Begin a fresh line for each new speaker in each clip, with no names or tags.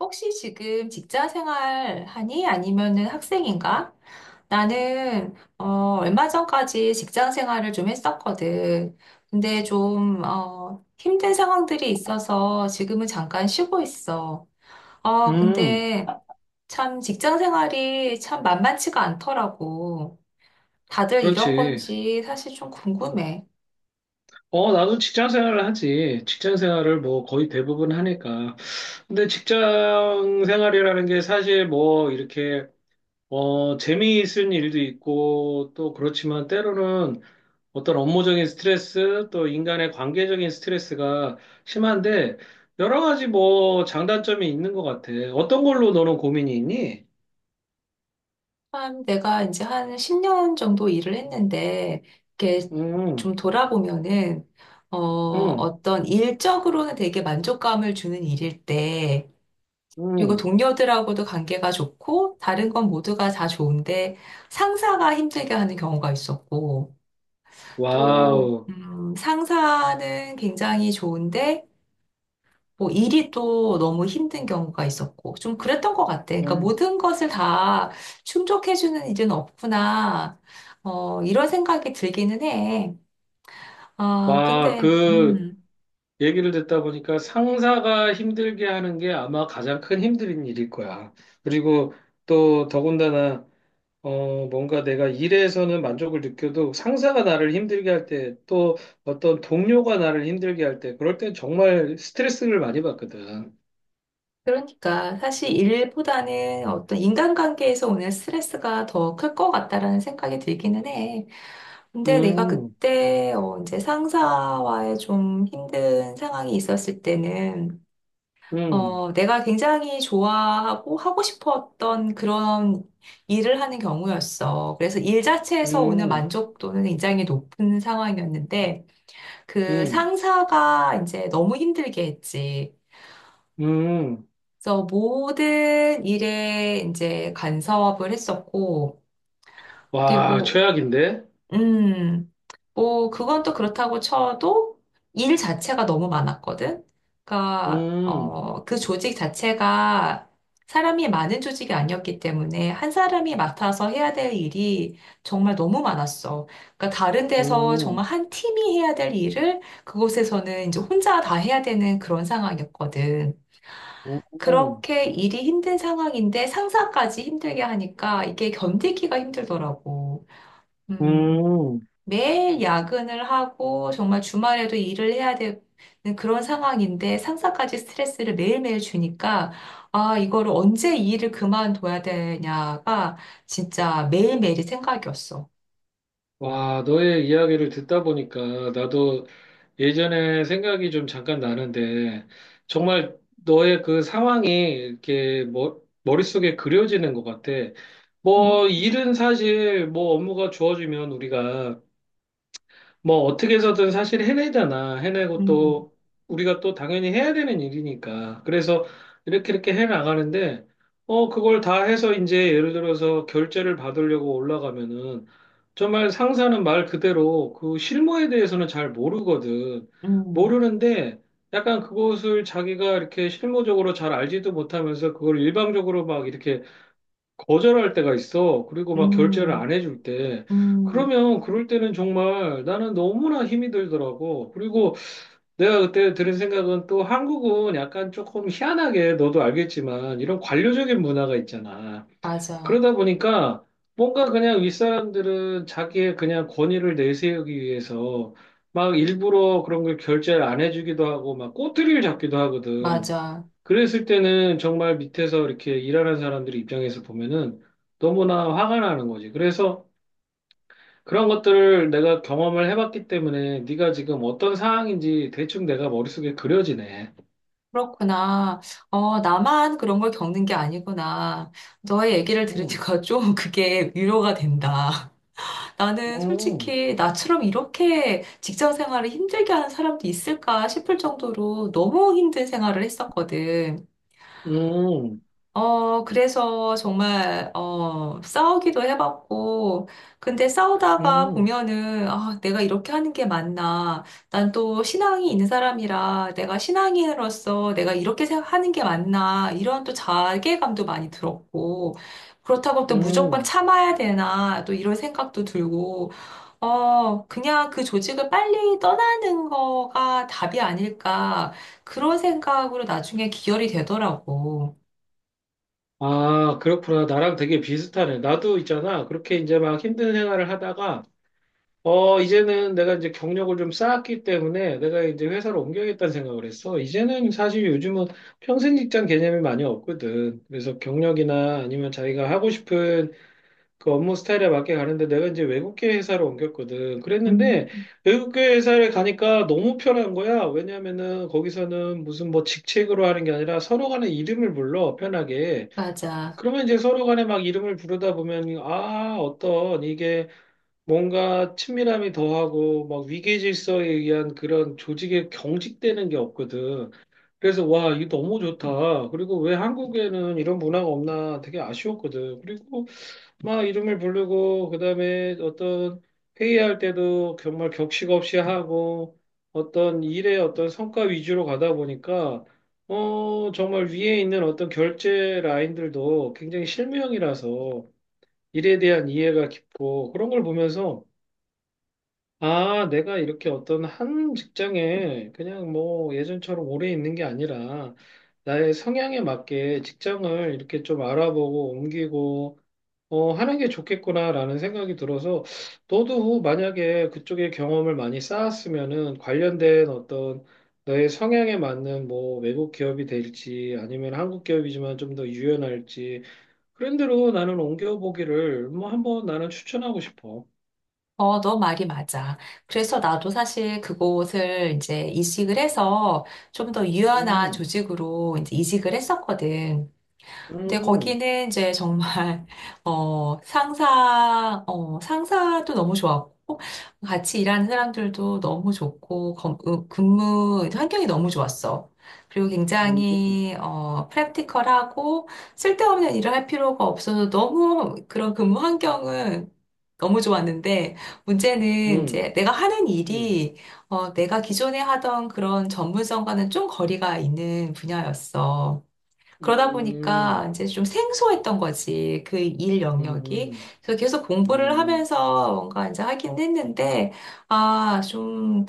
혹시 지금 직장 생활 하니? 아니면은 학생인가? 나는, 얼마 전까지 직장 생활을 좀 했었거든. 근데 좀, 힘든 상황들이 있어서 지금은 잠깐 쉬고 있어.
음,
근데 참 직장 생활이 참 만만치가 않더라고. 다들 이런
그렇지.
건지 사실 좀 궁금해.
나도 직장 생활을 하지. 직장 생활을 뭐 거의 대부분 하니까. 근데 직장 생활이라는 게 사실 뭐 이렇게, 재미있은 일도 있고 또 그렇지만 때로는 어떤 업무적인 스트레스 또 인간의 관계적인 스트레스가 심한데 여러 가지 뭐 장단점이 있는 것 같아. 어떤 걸로 너는 고민이 있니?
한 내가 이제 한 10년 정도 일을 했는데, 이렇게
음,
좀 돌아보면은,
음,
어떤 일적으로는 되게 만족감을 주는 일일 때, 그리고
음.
동료들하고도 관계가 좋고, 다른 건 모두가 다 좋은데, 상사가 힘들게 하는 경우가 있었고, 또,
와우.
상사는 굉장히 좋은데, 뭐 일이 또 너무 힘든 경우가 있었고 좀 그랬던 것 같아. 그러니까
음.
모든 것을 다 충족해주는 일은 없구나. 이런 생각이 들기는 해. 아,
와,
근데
그, 얘기를 듣다 보니까 상사가 힘들게 하는 게 아마 가장 큰 힘든 일일 거야. 그리고 또 더군다나 뭔가 내가 일에서는 만족을 느껴도 상사가 나를 힘들게 할 때 또 어떤 동료가 나를 힘들게 할 때 그럴 땐 정말 스트레스를 많이 받거든.
그러니까 사실 일보다는 어떤 인간관계에서 오는 스트레스가 더 클 것 같다라는 생각이 들기는 해. 근데 내가
음,
그때 이제 상사와의 좀 힘든 상황이 있었을 때는
음,
내가 굉장히 좋아하고 하고 싶었던 그런 일을 하는 경우였어. 그래서 일 자체에서 오는
음,
만족도는 굉장히 높은 상황이었는데, 그
음,
상사가 이제 너무 힘들게 했지.
음.
그래서 모든 일에 이제 간섭을 했었고,
와,
그리고,
최악인데?
음, 뭐, 그건 또 그렇다고 쳐도 일 자체가 너무 많았거든. 그러니까,
음,
그 조직 자체가 사람이 많은 조직이 아니었기 때문에 한 사람이 맡아서 해야 될 일이 정말 너무 많았어. 그러니까 다른 데서 정말
음,
한 팀이 해야 될 일을 그곳에서는 이제 혼자 다 해야 되는 그런 상황이었거든.
음, 음.
그렇게 일이 힘든 상황인데 상사까지 힘들게 하니까 이게 견디기가 힘들더라고. 음.
음.
매일 야근을 하고 정말 주말에도 일을 해야 되는 그런 상황인데 상사까지 스트레스를 매일매일 주니까 아, 이거를 언제 이 일을 그만둬야 되냐가 진짜 매일매일이 생각이었어.
와, 너의 이야기를 듣다 보니까 나도 예전에 생각이 좀 잠깐 나는데, 정말 너의 그 상황이 이렇게 머릿속에 그려지는 것 같아.
음.
뭐, 일은 사실 뭐 업무가 주어지면 우리가 뭐 어떻게 해서든 사실 해내잖아. 해내고
음,
또 우리가 또 당연히 해야 되는 일이니까. 그래서 이렇게 이렇게 해 나가는데 그걸 다 해서 이제 예를 들어서 결제를 받으려고 올라가면은 정말 상사는 말 그대로 그 실무에 대해서는 잘 모르거든.
음,
모르는데 약간 그것을 자기가 이렇게 실무적으로 잘 알지도 못하면서 그걸 일방적으로 막 이렇게 거절할 때가 있어. 그리고 막 결제를
음,
안 해줄 때.
음,
그러면 그럴 때는 정말 나는 너무나 힘이 들더라고. 그리고 내가 그때 들은 생각은 또 한국은 약간 조금 희한하게 너도 알겠지만 이런 관료적인 문화가 있잖아.
맞아,
그러다 보니까 뭔가 그냥 윗사람들은 자기의 그냥 권위를 내세우기 위해서 막 일부러 그런 걸 결제를 안 해주기도 하고 막 꼬투리를 잡기도 하거든.
맞아.
그랬을 때는 정말 밑에서 이렇게 일하는 사람들 입장에서 보면은 너무나 화가 나는 거지. 그래서 그런 것들을 내가 경험을 해봤기 때문에 네가 지금 어떤 상황인지 대충 내가 머릿속에 그려지네.
그렇구나. 나만 그런 걸 겪는 게 아니구나. 너의 얘기를
음,
들으니까 좀 그게 위로가 된다. 나는
음,
솔직히 나처럼 이렇게 직장 생활을 힘들게 하는 사람도 있을까 싶을 정도로 너무 힘든 생활을 했었거든.
음,
그래서 정말, 싸우기도 해봤고, 근데 싸우다가
음,
보면은, 아, 내가 이렇게 하는 게 맞나. 난 또 신앙이 있는 사람이라 내가 신앙인으로서 내가 이렇게 생각하는 게 맞나. 이런 또 자괴감도 많이 들었고, 그렇다고 또 무조건
음.
참아야 되나. 또 이런 생각도 들고, 그냥 그 조직을 빨리 떠나는 거가 답이 아닐까. 그런 생각으로 나중에 기결이 되더라고.
아, 그렇구나. 나랑 되게 비슷하네. 나도 있잖아. 그렇게 이제 막 힘든 생활을 하다가, 이제는 내가 이제 경력을 좀 쌓았기 때문에 내가 이제 회사를 옮겨야겠다는 생각을 했어. 이제는 사실 요즘은 평생 직장 개념이 많이 없거든. 그래서 경력이나 아니면 자기가 하고 싶은 그 업무 스타일에 맞게 가는데 내가 이제 외국계 회사를 옮겼거든.
음,
그랬는데 외국계 회사를 가니까 너무 편한 거야. 왜냐면은 거기서는 무슨 뭐 직책으로 하는 게 아니라 서로 간에 이름을 불러, 편하게.
맞아.
그러면 이제 서로 간에 막 이름을 부르다 보면, 아, 어떤, 이게 뭔가 친밀함이 더하고, 막 위계 질서에 의한 그런 조직에 경직되는 게 없거든. 그래서, 와, 이거 너무 좋다. 그리고 왜 한국에는 이런 문화가 없나 되게 아쉬웠거든. 그리고 막 이름을 부르고 그다음에 어떤 회의할 때도 정말 격식 없이 하고 어떤 일의 어떤 성과 위주로 가다 보니까 정말 위에 있는 어떤 결제 라인들도 굉장히 실무형이라서 일에 대한 이해가 깊고 그런 걸 보면서 아, 내가 이렇게 어떤 한 직장에 그냥 뭐 예전처럼 오래 있는 게 아니라 나의 성향에 맞게 직장을 이렇게 좀 알아보고 옮기고 하는 게 좋겠구나라는 생각이 들어서, 너도 만약에 그쪽에 경험을 많이 쌓았으면은 관련된 어떤 너의 성향에 맞는 뭐 외국 기업이 될지 아니면 한국 기업이지만 좀 더 유연할지 그런 대로 나는 옮겨보기를 뭐 한번 나는 추천하고 싶어.
너 말이 맞아. 그래서 나도 사실 그곳을 이제 이식을 해서 좀 더 유연한
음,
조직으로 이제 이식을 했었거든. 근데
음,
거기는 이제 정말, 상사도 너무 좋았고, 같이 일하는 사람들도 너무 좋고, 근무 환경이 너무 좋았어. 그리고
음,
굉장히, 프랙티컬하고, 쓸데없는 일을 할 필요가 없어서 너무 그런 근무 환경은 너무 좋았는데, 문제는
음,
이제 내가 하는
음,
일이, 내가 기존에 하던 그런 전문성과는 좀 거리가 있는 분야였어.
음,
그러다 보니까
음,
이제 좀 생소했던 거지, 그 일 영역이.
음,
그래서 계속 공부를
음.
하면서 뭔가 이제 하긴 했는데, 아, 좀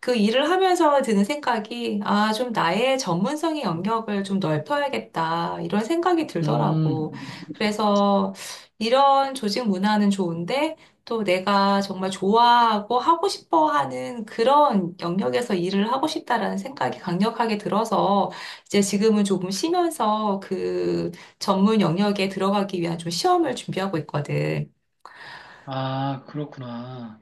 그 일을 하면서 드는 생각이, 아, 좀 나의 전문성의 영역을 좀 넓혀야겠다, 이런 생각이 들더라고.
음,
그래서 이런 조직 문화는 좋은데, 또 내가 정말 좋아하고 하고 싶어 하는 그런 영역에서 일을 하고 싶다라는 생각이 강력하게 들어서, 이제 지금은 조금 쉬면서 그 전문 영역에 들어가기 위한 좀 시험을 준비하고 있거든.
아, 그렇구나.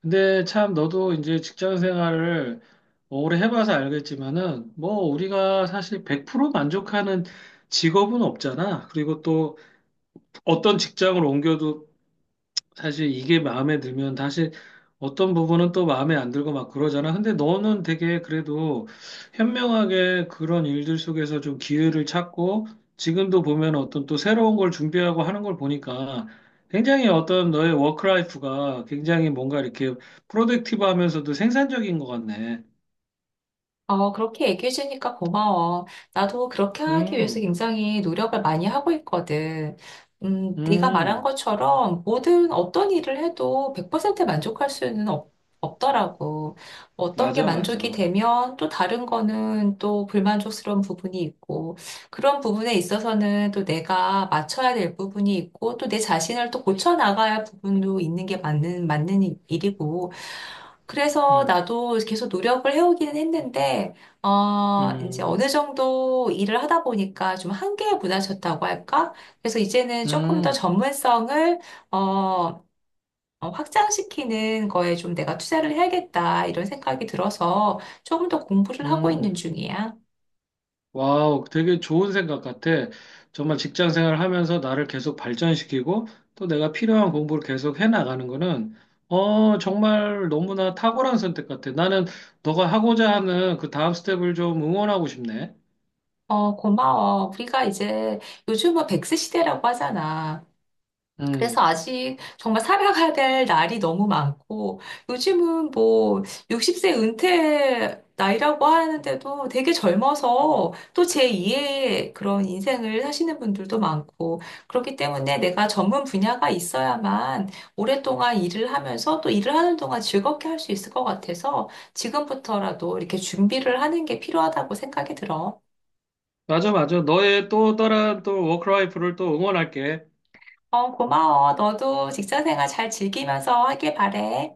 근데 참 너도 이제 직장 생활을 오래 해봐서 알겠지만은 뭐 우리가 사실 100% 만족하는 직업은 없잖아. 그리고 또 어떤 직장을 옮겨도 사실 이게 마음에 들면 다시 어떤 부분은 또 마음에 안 들고 막 그러잖아. 근데 너는 되게 그래도 현명하게 그런 일들 속에서 좀 기회를 찾고 지금도 보면 어떤 또 새로운 걸 준비하고 하는 걸 보니까 굉장히 어떤 너의 워크라이프가 굉장히 뭔가 이렇게 프로덕티브 하면서도 생산적인 것 같네.
그렇게 얘기해 주니까 고마워. 나도 그렇게 하기 위해서
음,
굉장히 노력을 많이 하고 있거든. 네가 말한
음,
것처럼 모든 어떤 일을 해도 100% 만족할 수는 없더라고. 어떤 게
맞아,
만족이
맞아.
되면 또 다른 거는 또 불만족스러운 부분이 있고, 그런 부분에 있어서는 또 내가 맞춰야 될 부분이 있고, 또 내 자신을 또 고쳐 나가야 할 부분도 있는 게 맞는 일이고, 그래서
음,
나도 계속 노력을 해오기는 했는데, 이제 어느
음,
정도 일을 하다 보니까 좀 한계에 부딪혔다고 할까? 그래서 이제는 조금 더
음,
전문성을, 어, 확장시키는 거에 좀 내가 투자를 해야겠다, 이런 생각이 들어서 조금 더 공부를 하고
음.
있는 중이야.
와우, 되게 좋은 생각 같아. 정말 직장 생활 하면서 나를 계속 발전시키고 또 내가 필요한 공부를 계속 해 나가는 거는 정말 너무나 탁월한 선택 같아. 나는 너가 하고자 하는 그 다음 스텝을 좀 응원하고 싶네.
고마워. 우리가 이제 요즘은 백세 시대라고 하잖아. 그래서
음.
아직 정말 살아가야 될 날이 너무 많고, 요즘은 뭐 60세 은퇴 나이라고 하는데도 되게 젊어서 또 제2의 그런 인생을 사시는 분들도 많고, 그렇기 때문에 내가 전문 분야가 있어야만 오랫동안 일을 하면서 또 일을 하는 동안 즐겁게 할 수 있을 것 같아서 지금부터라도 이렇게 준비를 하는 게 필요하다고 생각이 들어.
맞아, 맞아. 너의 또 다른 또 워크라이프를 또 응원할게.
고마워. 너도 직장 생활 잘 즐기면서 하길 바래.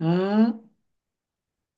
음.